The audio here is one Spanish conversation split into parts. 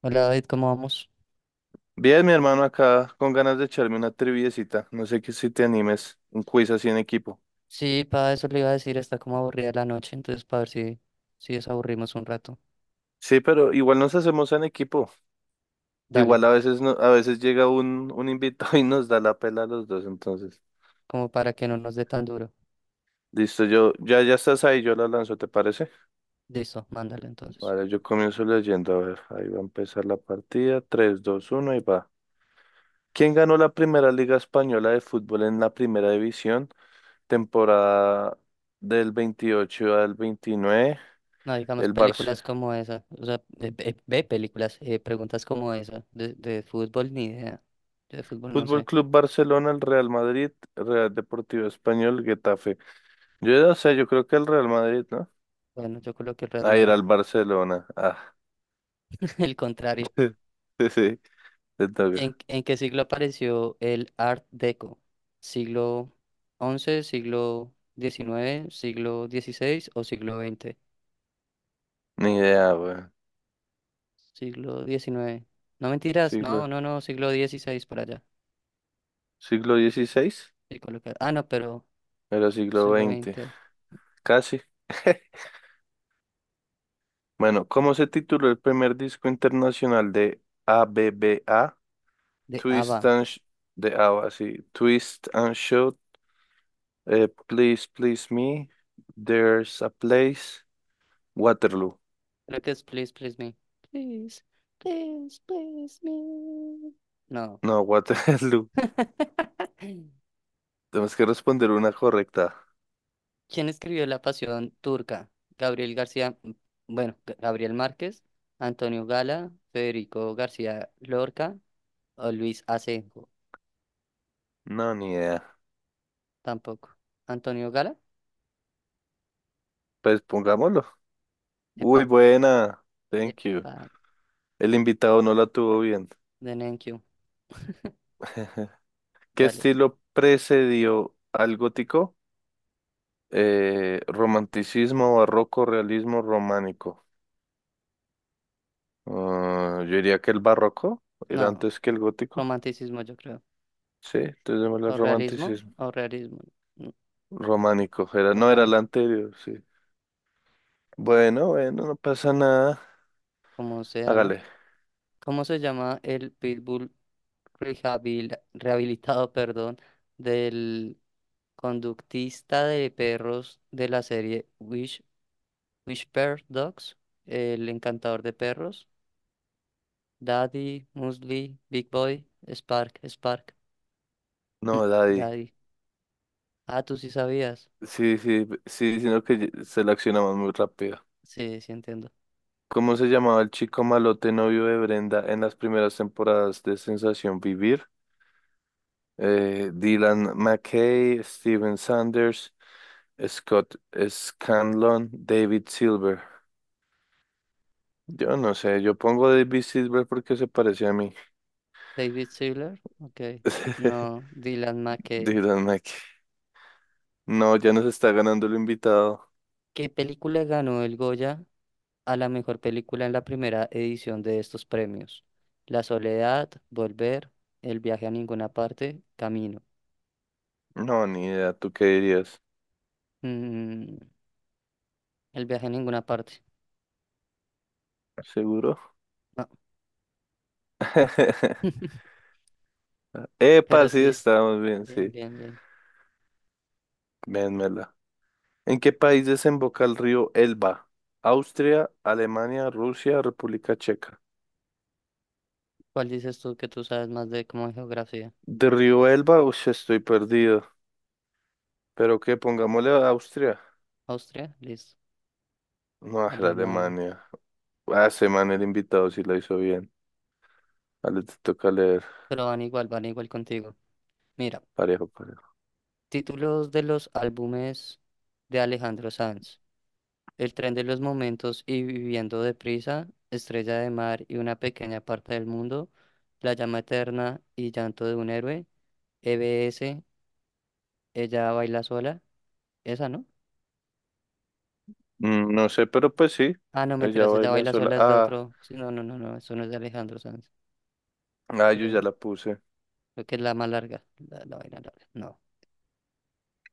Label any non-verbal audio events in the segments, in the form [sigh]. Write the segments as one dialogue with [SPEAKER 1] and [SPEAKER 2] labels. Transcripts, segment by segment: [SPEAKER 1] Hola David, ¿cómo vamos?
[SPEAKER 2] Bien, mi hermano, acá con ganas de echarme una triviecita. No sé qué si te animes un quiz así en equipo.
[SPEAKER 1] Sí, para eso le iba a decir, está como aburrida la noche, entonces para ver si desaburrimos un rato.
[SPEAKER 2] Sí, pero igual nos hacemos en equipo.
[SPEAKER 1] Dale,
[SPEAKER 2] Igual a veces no, a veces llega un invitado [laughs] y nos da la pela a los dos, entonces.
[SPEAKER 1] como para que no nos dé tan duro.
[SPEAKER 2] Listo, yo, ya estás ahí, yo la lanzo, ¿te parece?
[SPEAKER 1] Listo, mándale entonces.
[SPEAKER 2] Vale, yo comienzo leyendo, a ver, ahí va a empezar la partida. Tres, dos, uno y va. ¿Quién ganó la primera Liga Española de Fútbol en la Primera División? Temporada del 28 al 29.
[SPEAKER 1] No, digamos
[SPEAKER 2] El
[SPEAKER 1] películas
[SPEAKER 2] Barça.
[SPEAKER 1] como esa, o sea, ve, ve películas, preguntas como esa, de fútbol ni idea. Yo de fútbol no
[SPEAKER 2] Fútbol
[SPEAKER 1] sé.
[SPEAKER 2] Club Barcelona, el Real Madrid, Real Deportivo Español, Getafe. Yo ya sé, yo creo que el Real Madrid, ¿no?
[SPEAKER 1] Bueno, yo coloqué el Real
[SPEAKER 2] Ah, era
[SPEAKER 1] Madrid,
[SPEAKER 2] el Barcelona. Ah,
[SPEAKER 1] [laughs] el contrario.
[SPEAKER 2] [laughs] sí, sí, te toca.
[SPEAKER 1] ¿En qué siglo apareció el Art Deco? ¿Siglo once, siglo diecinueve, siglo dieciséis o siglo veinte?
[SPEAKER 2] Ni idea, weón.
[SPEAKER 1] Siglo diecinueve. No mentiras, no,
[SPEAKER 2] Siglo,
[SPEAKER 1] no, no, siglo dieciséis por allá.
[SPEAKER 2] siglo dieciséis,
[SPEAKER 1] Sí, colocar- Ah, no, pero
[SPEAKER 2] era siglo
[SPEAKER 1] siglo
[SPEAKER 2] veinte,
[SPEAKER 1] veinte
[SPEAKER 2] casi. [laughs] Bueno, ¿cómo se tituló el primer disco internacional de A B B A?
[SPEAKER 1] de
[SPEAKER 2] Twist
[SPEAKER 1] ABBA.
[SPEAKER 2] and Sh- de A, sí. Twist and Shout, Please Please Me, There's a Place, Waterloo.
[SPEAKER 1] Look at Please, Please Me. Please, please, please me. No.
[SPEAKER 2] No, Waterloo.
[SPEAKER 1] [laughs]
[SPEAKER 2] [laughs] Tenemos que responder una correcta.
[SPEAKER 1] ¿Quién escribió La Pasión Turca? Gabriel García, bueno, G- Gabriel Márquez, Antonio Gala, Federico García Lorca o Luis Asenjo.
[SPEAKER 2] No, ni idea.
[SPEAKER 1] Tampoco. Antonio Gala,
[SPEAKER 2] Pues pongámoslo. Uy,
[SPEAKER 1] epa,
[SPEAKER 2] buena. Thank you.
[SPEAKER 1] epa,
[SPEAKER 2] El invitado no la tuvo bien.
[SPEAKER 1] de Nenkiu,
[SPEAKER 2] [laughs] ¿Qué
[SPEAKER 1] dale.
[SPEAKER 2] estilo precedió al gótico? Romanticismo, barroco, realismo, románico. Ah, yo diría que el barroco era
[SPEAKER 1] No.
[SPEAKER 2] antes que el gótico.
[SPEAKER 1] Romanticismo, yo creo.
[SPEAKER 2] Sí, entonces démosle
[SPEAKER 1] O
[SPEAKER 2] al
[SPEAKER 1] realismo,
[SPEAKER 2] romanticismo.
[SPEAKER 1] o realismo, mm,
[SPEAKER 2] Románico, era, no era el
[SPEAKER 1] románico,
[SPEAKER 2] anterior, sí. Bueno, bueno, no pasa nada.
[SPEAKER 1] como sea, ¿no?
[SPEAKER 2] Hágale.
[SPEAKER 1] ¿Cómo se llama el pitbull rehabilitado, perdón, del conductista de perros de la serie Wish, Whisper Dogs? El encantador de perros. Daddy, Muesli, Big Boy, Spark. mm,
[SPEAKER 2] No, Daddy.
[SPEAKER 1] Daddy. Ah, tú sí sabías.
[SPEAKER 2] Sí, sí, sí, sino que ye- seleccionamos muy rápido.
[SPEAKER 1] Sí, sí entiendo.
[SPEAKER 2] ¿Cómo se llamaba el chico malote novio de Brenda en las primeras temporadas de Sensación Vivir? Dylan McKay, Steven Sanders, Scott Scanlon, David Silver. Yo no sé, yo pongo David Silver porque se parece a mí.
[SPEAKER 1] David Sealer, ok.
[SPEAKER 2] [laughs]
[SPEAKER 1] No, Dylan McKay.
[SPEAKER 2] Dylan McKay. No, ya nos está ganando el invitado.
[SPEAKER 1] ¿Qué película ganó el Goya a la mejor película en la primera edición de estos premios? La soledad, Volver, El viaje a ninguna parte, Camino.
[SPEAKER 2] No, ni idea, ¿tú qué dirías?
[SPEAKER 1] Mm, el viaje a ninguna parte.
[SPEAKER 2] ¿Seguro?
[SPEAKER 1] No.
[SPEAKER 2] [laughs]
[SPEAKER 1] [laughs]
[SPEAKER 2] Epa,
[SPEAKER 1] Pero
[SPEAKER 2] sí,
[SPEAKER 1] sí,
[SPEAKER 2] estamos bien,
[SPEAKER 1] bien,
[SPEAKER 2] sí.
[SPEAKER 1] bien, bien.
[SPEAKER 2] Vénmela. ¿En qué país desemboca el río Elba? Austria, Alemania, Rusia, República Checa.
[SPEAKER 1] ¿Cuál dices tú, que tú sabes más de como de geografía?
[SPEAKER 2] De río Elba, uy, estoy perdido. Pero que pongámosle a Austria.
[SPEAKER 1] Austria, listo.
[SPEAKER 2] No, era
[SPEAKER 1] Alemania.
[SPEAKER 2] Alemania. Ah, ese man, el invitado, sí lo hizo bien. Ah, le toca leer.
[SPEAKER 1] Pero van igual contigo. Mira,
[SPEAKER 2] Parejo, parejo.
[SPEAKER 1] títulos de los álbumes de Alejandro Sanz. El tren de los momentos y viviendo deprisa, estrella de mar y una pequeña parte del mundo, la llama eterna y llanto de un héroe, E B S, ella baila sola, esa no.
[SPEAKER 2] Mm, no sé, pero pues sí.
[SPEAKER 1] Ah, no,
[SPEAKER 2] Ella
[SPEAKER 1] mentiras, ella
[SPEAKER 2] baila
[SPEAKER 1] baila
[SPEAKER 2] sola.
[SPEAKER 1] sola es de
[SPEAKER 2] Ah,
[SPEAKER 1] otro. Sí, no, eso no es de Alejandro Sanz.
[SPEAKER 2] ah, yo ya
[SPEAKER 1] Estrella-
[SPEAKER 2] la puse.
[SPEAKER 1] Creo que es la más larga, la vaina larga. No,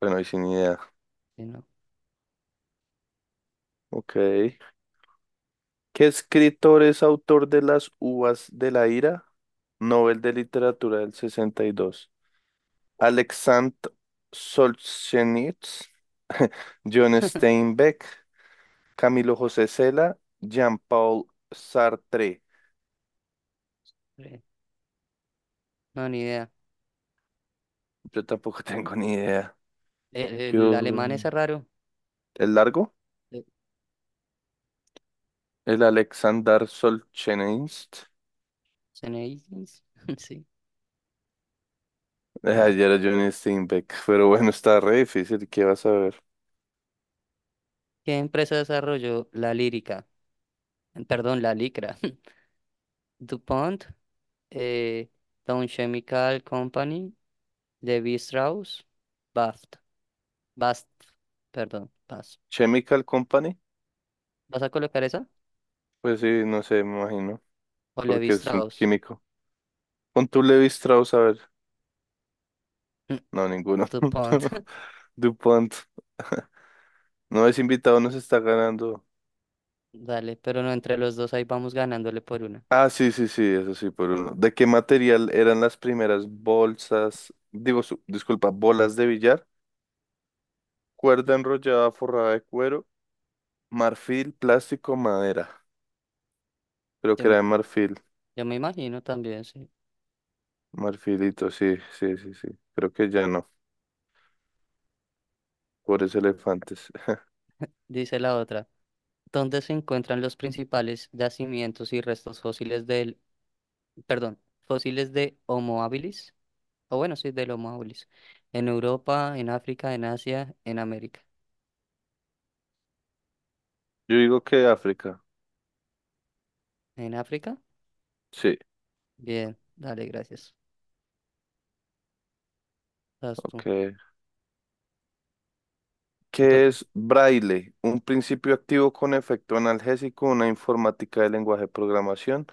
[SPEAKER 2] Bueno, ahí sin idea.
[SPEAKER 1] sí, no,
[SPEAKER 2] Ok. ¿Qué escritor es autor de Las Uvas de la Ira? Nobel de Literatura del 62. Alexandre Solzhenitsyn, [laughs] John Steinbeck, Camilo José Cela, Jean-Paul Sartre.
[SPEAKER 1] eh, no, ni idea.
[SPEAKER 2] Yo tampoco [laughs] tengo ni idea.
[SPEAKER 1] El
[SPEAKER 2] Yo,
[SPEAKER 1] alemán es raro.
[SPEAKER 2] ¿el largo?
[SPEAKER 1] eh,
[SPEAKER 2] El Alexander Solzhenitsyn.
[SPEAKER 1] Zeneidis, [laughs] sí.
[SPEAKER 2] Ah,
[SPEAKER 1] Ah.
[SPEAKER 2] ya era John Steinbeck, pero bueno, está re difícil. ¿Qué vas a ver?
[SPEAKER 1] ¿Qué empresa desarrolló la lírica? Perdón, la licra. [laughs] DuPont, eh, Dow Chemical Company, levi Strauss, BASF, BASF, perdón, BASF.
[SPEAKER 2] Chemical Company.
[SPEAKER 1] ¿Vas a colocar esa?
[SPEAKER 2] Pues sí, no sé, me imagino,
[SPEAKER 1] O Levi
[SPEAKER 2] porque es un
[SPEAKER 1] Strauss.
[SPEAKER 2] químico. Con tu Levi Strauss, a ver.
[SPEAKER 1] [laughs]
[SPEAKER 2] No, ninguno.
[SPEAKER 1] DuPont.
[SPEAKER 2] [laughs] DuPont. [laughs] No es invitado, no se está ganando.
[SPEAKER 1] [laughs] Dale, pero no, entre los dos ahí vamos ganándole por una.
[SPEAKER 2] Ah, sí, sí, sí, eso sí, por uno. ¿De qué material eran las primeras bolsas? Digo, su- disculpa, bolas de billar. Cuerda enrollada forrada de cuero, marfil, plástico, madera. Creo
[SPEAKER 1] Yo
[SPEAKER 2] que era
[SPEAKER 1] me,
[SPEAKER 2] de marfil,
[SPEAKER 1] yo me imagino también, sí.
[SPEAKER 2] marfilito, sí, sí, sí, sí. Creo que ya no, pobres elefantes. [laughs]
[SPEAKER 1] Dice la otra, ¿dónde se encuentran los principales yacimientos y restos fósiles del, perdón, fósiles de Homo habilis? O bueno, sí, del Homo habilis. En Europa, en África, en Asia, en América.
[SPEAKER 2] Yo digo que África.
[SPEAKER 1] ¿En África?
[SPEAKER 2] Sí,
[SPEAKER 1] Bien, dale, gracias. Vas tú.
[SPEAKER 2] ok.
[SPEAKER 1] Te
[SPEAKER 2] ¿Qué
[SPEAKER 1] toca.
[SPEAKER 2] es braille? Un principio activo con efecto analgésico, una informática de lenguaje de programación.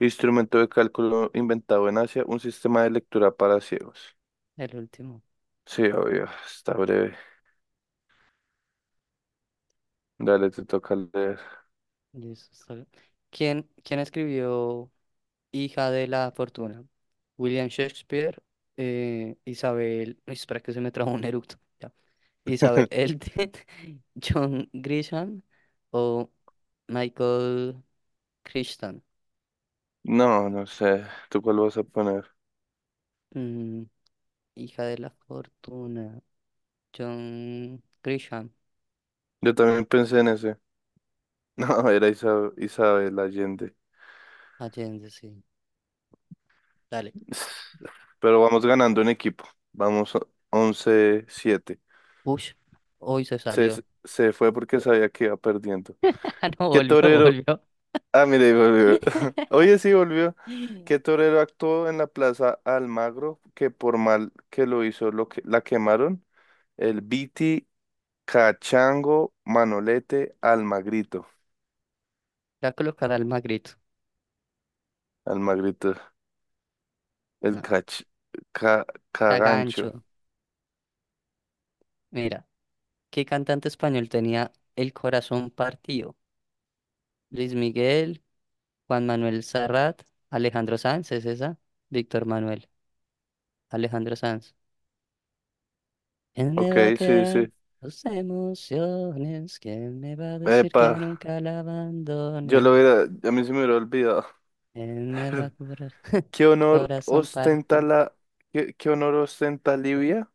[SPEAKER 2] Instrumento de cálculo inventado en Asia, un sistema de lectura para ciegos.
[SPEAKER 1] El último.
[SPEAKER 2] Sí, obvio, está breve. Dale, te toca leer.
[SPEAKER 1] Listo, está bien. ¿Quién escribió Hija de la Fortuna? William Shakespeare, Isabel. Uy, espera que se me trajo un eructo. Ya. Isabel
[SPEAKER 2] [laughs]
[SPEAKER 1] Elton, [laughs] John Grisham o Michael Crichton.
[SPEAKER 2] No, no sé. ¿Tú cuál vas a poner?
[SPEAKER 1] Mm, Hija de la Fortuna. John Grisham.
[SPEAKER 2] Yo también pensé en ese. [laughs] No, era Isa- Isabel Allende.
[SPEAKER 1] Allende, sí. Dale.
[SPEAKER 2] [sighs] Pero vamos ganando en equipo. Vamos o- 11-7.
[SPEAKER 1] Ush, hoy se
[SPEAKER 2] Se,
[SPEAKER 1] salió.
[SPEAKER 2] se fue porque sabía que iba perdiendo.
[SPEAKER 1] [laughs] Ah, no,
[SPEAKER 2] ¿Qué
[SPEAKER 1] volvió,
[SPEAKER 2] torero
[SPEAKER 1] volvió.
[SPEAKER 2] Ah, mire, y volvió. [laughs] Oye, sí, volvió.
[SPEAKER 1] [gasps] Le
[SPEAKER 2] Que torero actuó en la Plaza Almagro, que por mal que lo hizo, lo que, la quemaron. El Biti, Cachango, Manolete, Almagrito.
[SPEAKER 1] voy a colocar al Magrito.
[SPEAKER 2] Almagrito. El
[SPEAKER 1] No,
[SPEAKER 2] cach, ca, Cagancho.
[SPEAKER 1] Cagancho. Mira, ¿qué cantante español tenía el corazón partido? Luis Miguel, Juan Manuel Serrat, Alejandro Sanz, ¿es esa? Víctor Manuel, Alejandro Sanz. ¿Quién me
[SPEAKER 2] Ok,
[SPEAKER 1] va a
[SPEAKER 2] sí,
[SPEAKER 1] quedar
[SPEAKER 2] sí.
[SPEAKER 1] tus emociones? ¿Quién me va a decir
[SPEAKER 2] Epa,
[SPEAKER 1] que nunca la
[SPEAKER 2] yo lo
[SPEAKER 1] abandonen?
[SPEAKER 2] hubiera, a mí se me hubiera olvidado.
[SPEAKER 1] ¿Quién me va a
[SPEAKER 2] [laughs]
[SPEAKER 1] curar [laughs]
[SPEAKER 2] ¿Qué honor
[SPEAKER 1] corazón
[SPEAKER 2] ostenta
[SPEAKER 1] partido?
[SPEAKER 2] la, ¿Qué honor ostenta Libia?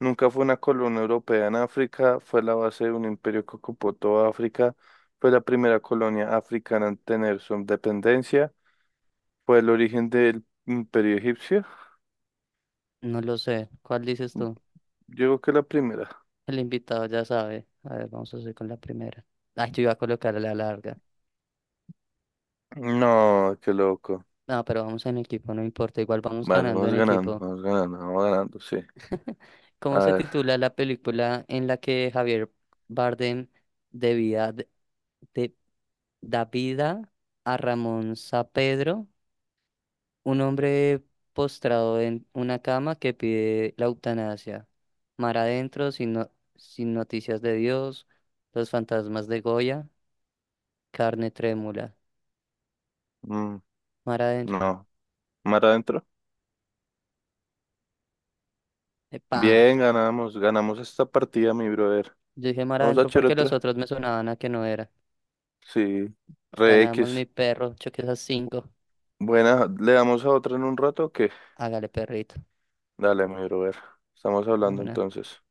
[SPEAKER 2] Nunca fue una colonia europea en África, fue la base de un imperio que ocupó toda África, fue la primera colonia africana en tener su independencia, fue el origen del imperio egipcio.
[SPEAKER 1] No lo sé. ¿Cuál dices tú?
[SPEAKER 2] Yo creo que la primera.
[SPEAKER 1] El invitado ya sabe. A ver, vamos a hacer con la primera. Ay, yo iba a colocar a la larga.
[SPEAKER 2] No, qué loco.
[SPEAKER 1] No, pero vamos en equipo, no importa, igual vamos
[SPEAKER 2] Vale,
[SPEAKER 1] ganando en
[SPEAKER 2] vamos ganando,
[SPEAKER 1] equipo.
[SPEAKER 2] vamos ganando, vamos ganando, sí.
[SPEAKER 1] ¿Cómo
[SPEAKER 2] A
[SPEAKER 1] se
[SPEAKER 2] ver,
[SPEAKER 1] titula la película en la que Javier Bardem debía de, de- da vida a Ramón Sampedro, un hombre postrado en una cama que pide la eutanasia? Mar adentro, sin noticias de Dios, los fantasmas de Goya, carne trémula.
[SPEAKER 2] mm,
[SPEAKER 1] Mar adentro.
[SPEAKER 2] no, mar adentro.
[SPEAKER 1] ¡Epa!
[SPEAKER 2] Bien, ganamos, ganamos esta partida, mi brother.
[SPEAKER 1] Yo dije mar
[SPEAKER 2] Vamos a
[SPEAKER 1] adentro
[SPEAKER 2] echar
[SPEAKER 1] porque los
[SPEAKER 2] otra.
[SPEAKER 1] otros me sonaban a que no era.
[SPEAKER 2] Sí, re
[SPEAKER 1] Ganamos mi
[SPEAKER 2] X.
[SPEAKER 1] perro, choque esas cinco.
[SPEAKER 2] Buena, ¿le damos a otra en un rato o qué?
[SPEAKER 1] Hágale, perrito.
[SPEAKER 2] Dale, mi brother. Estamos hablando
[SPEAKER 1] Vámonos.
[SPEAKER 2] entonces.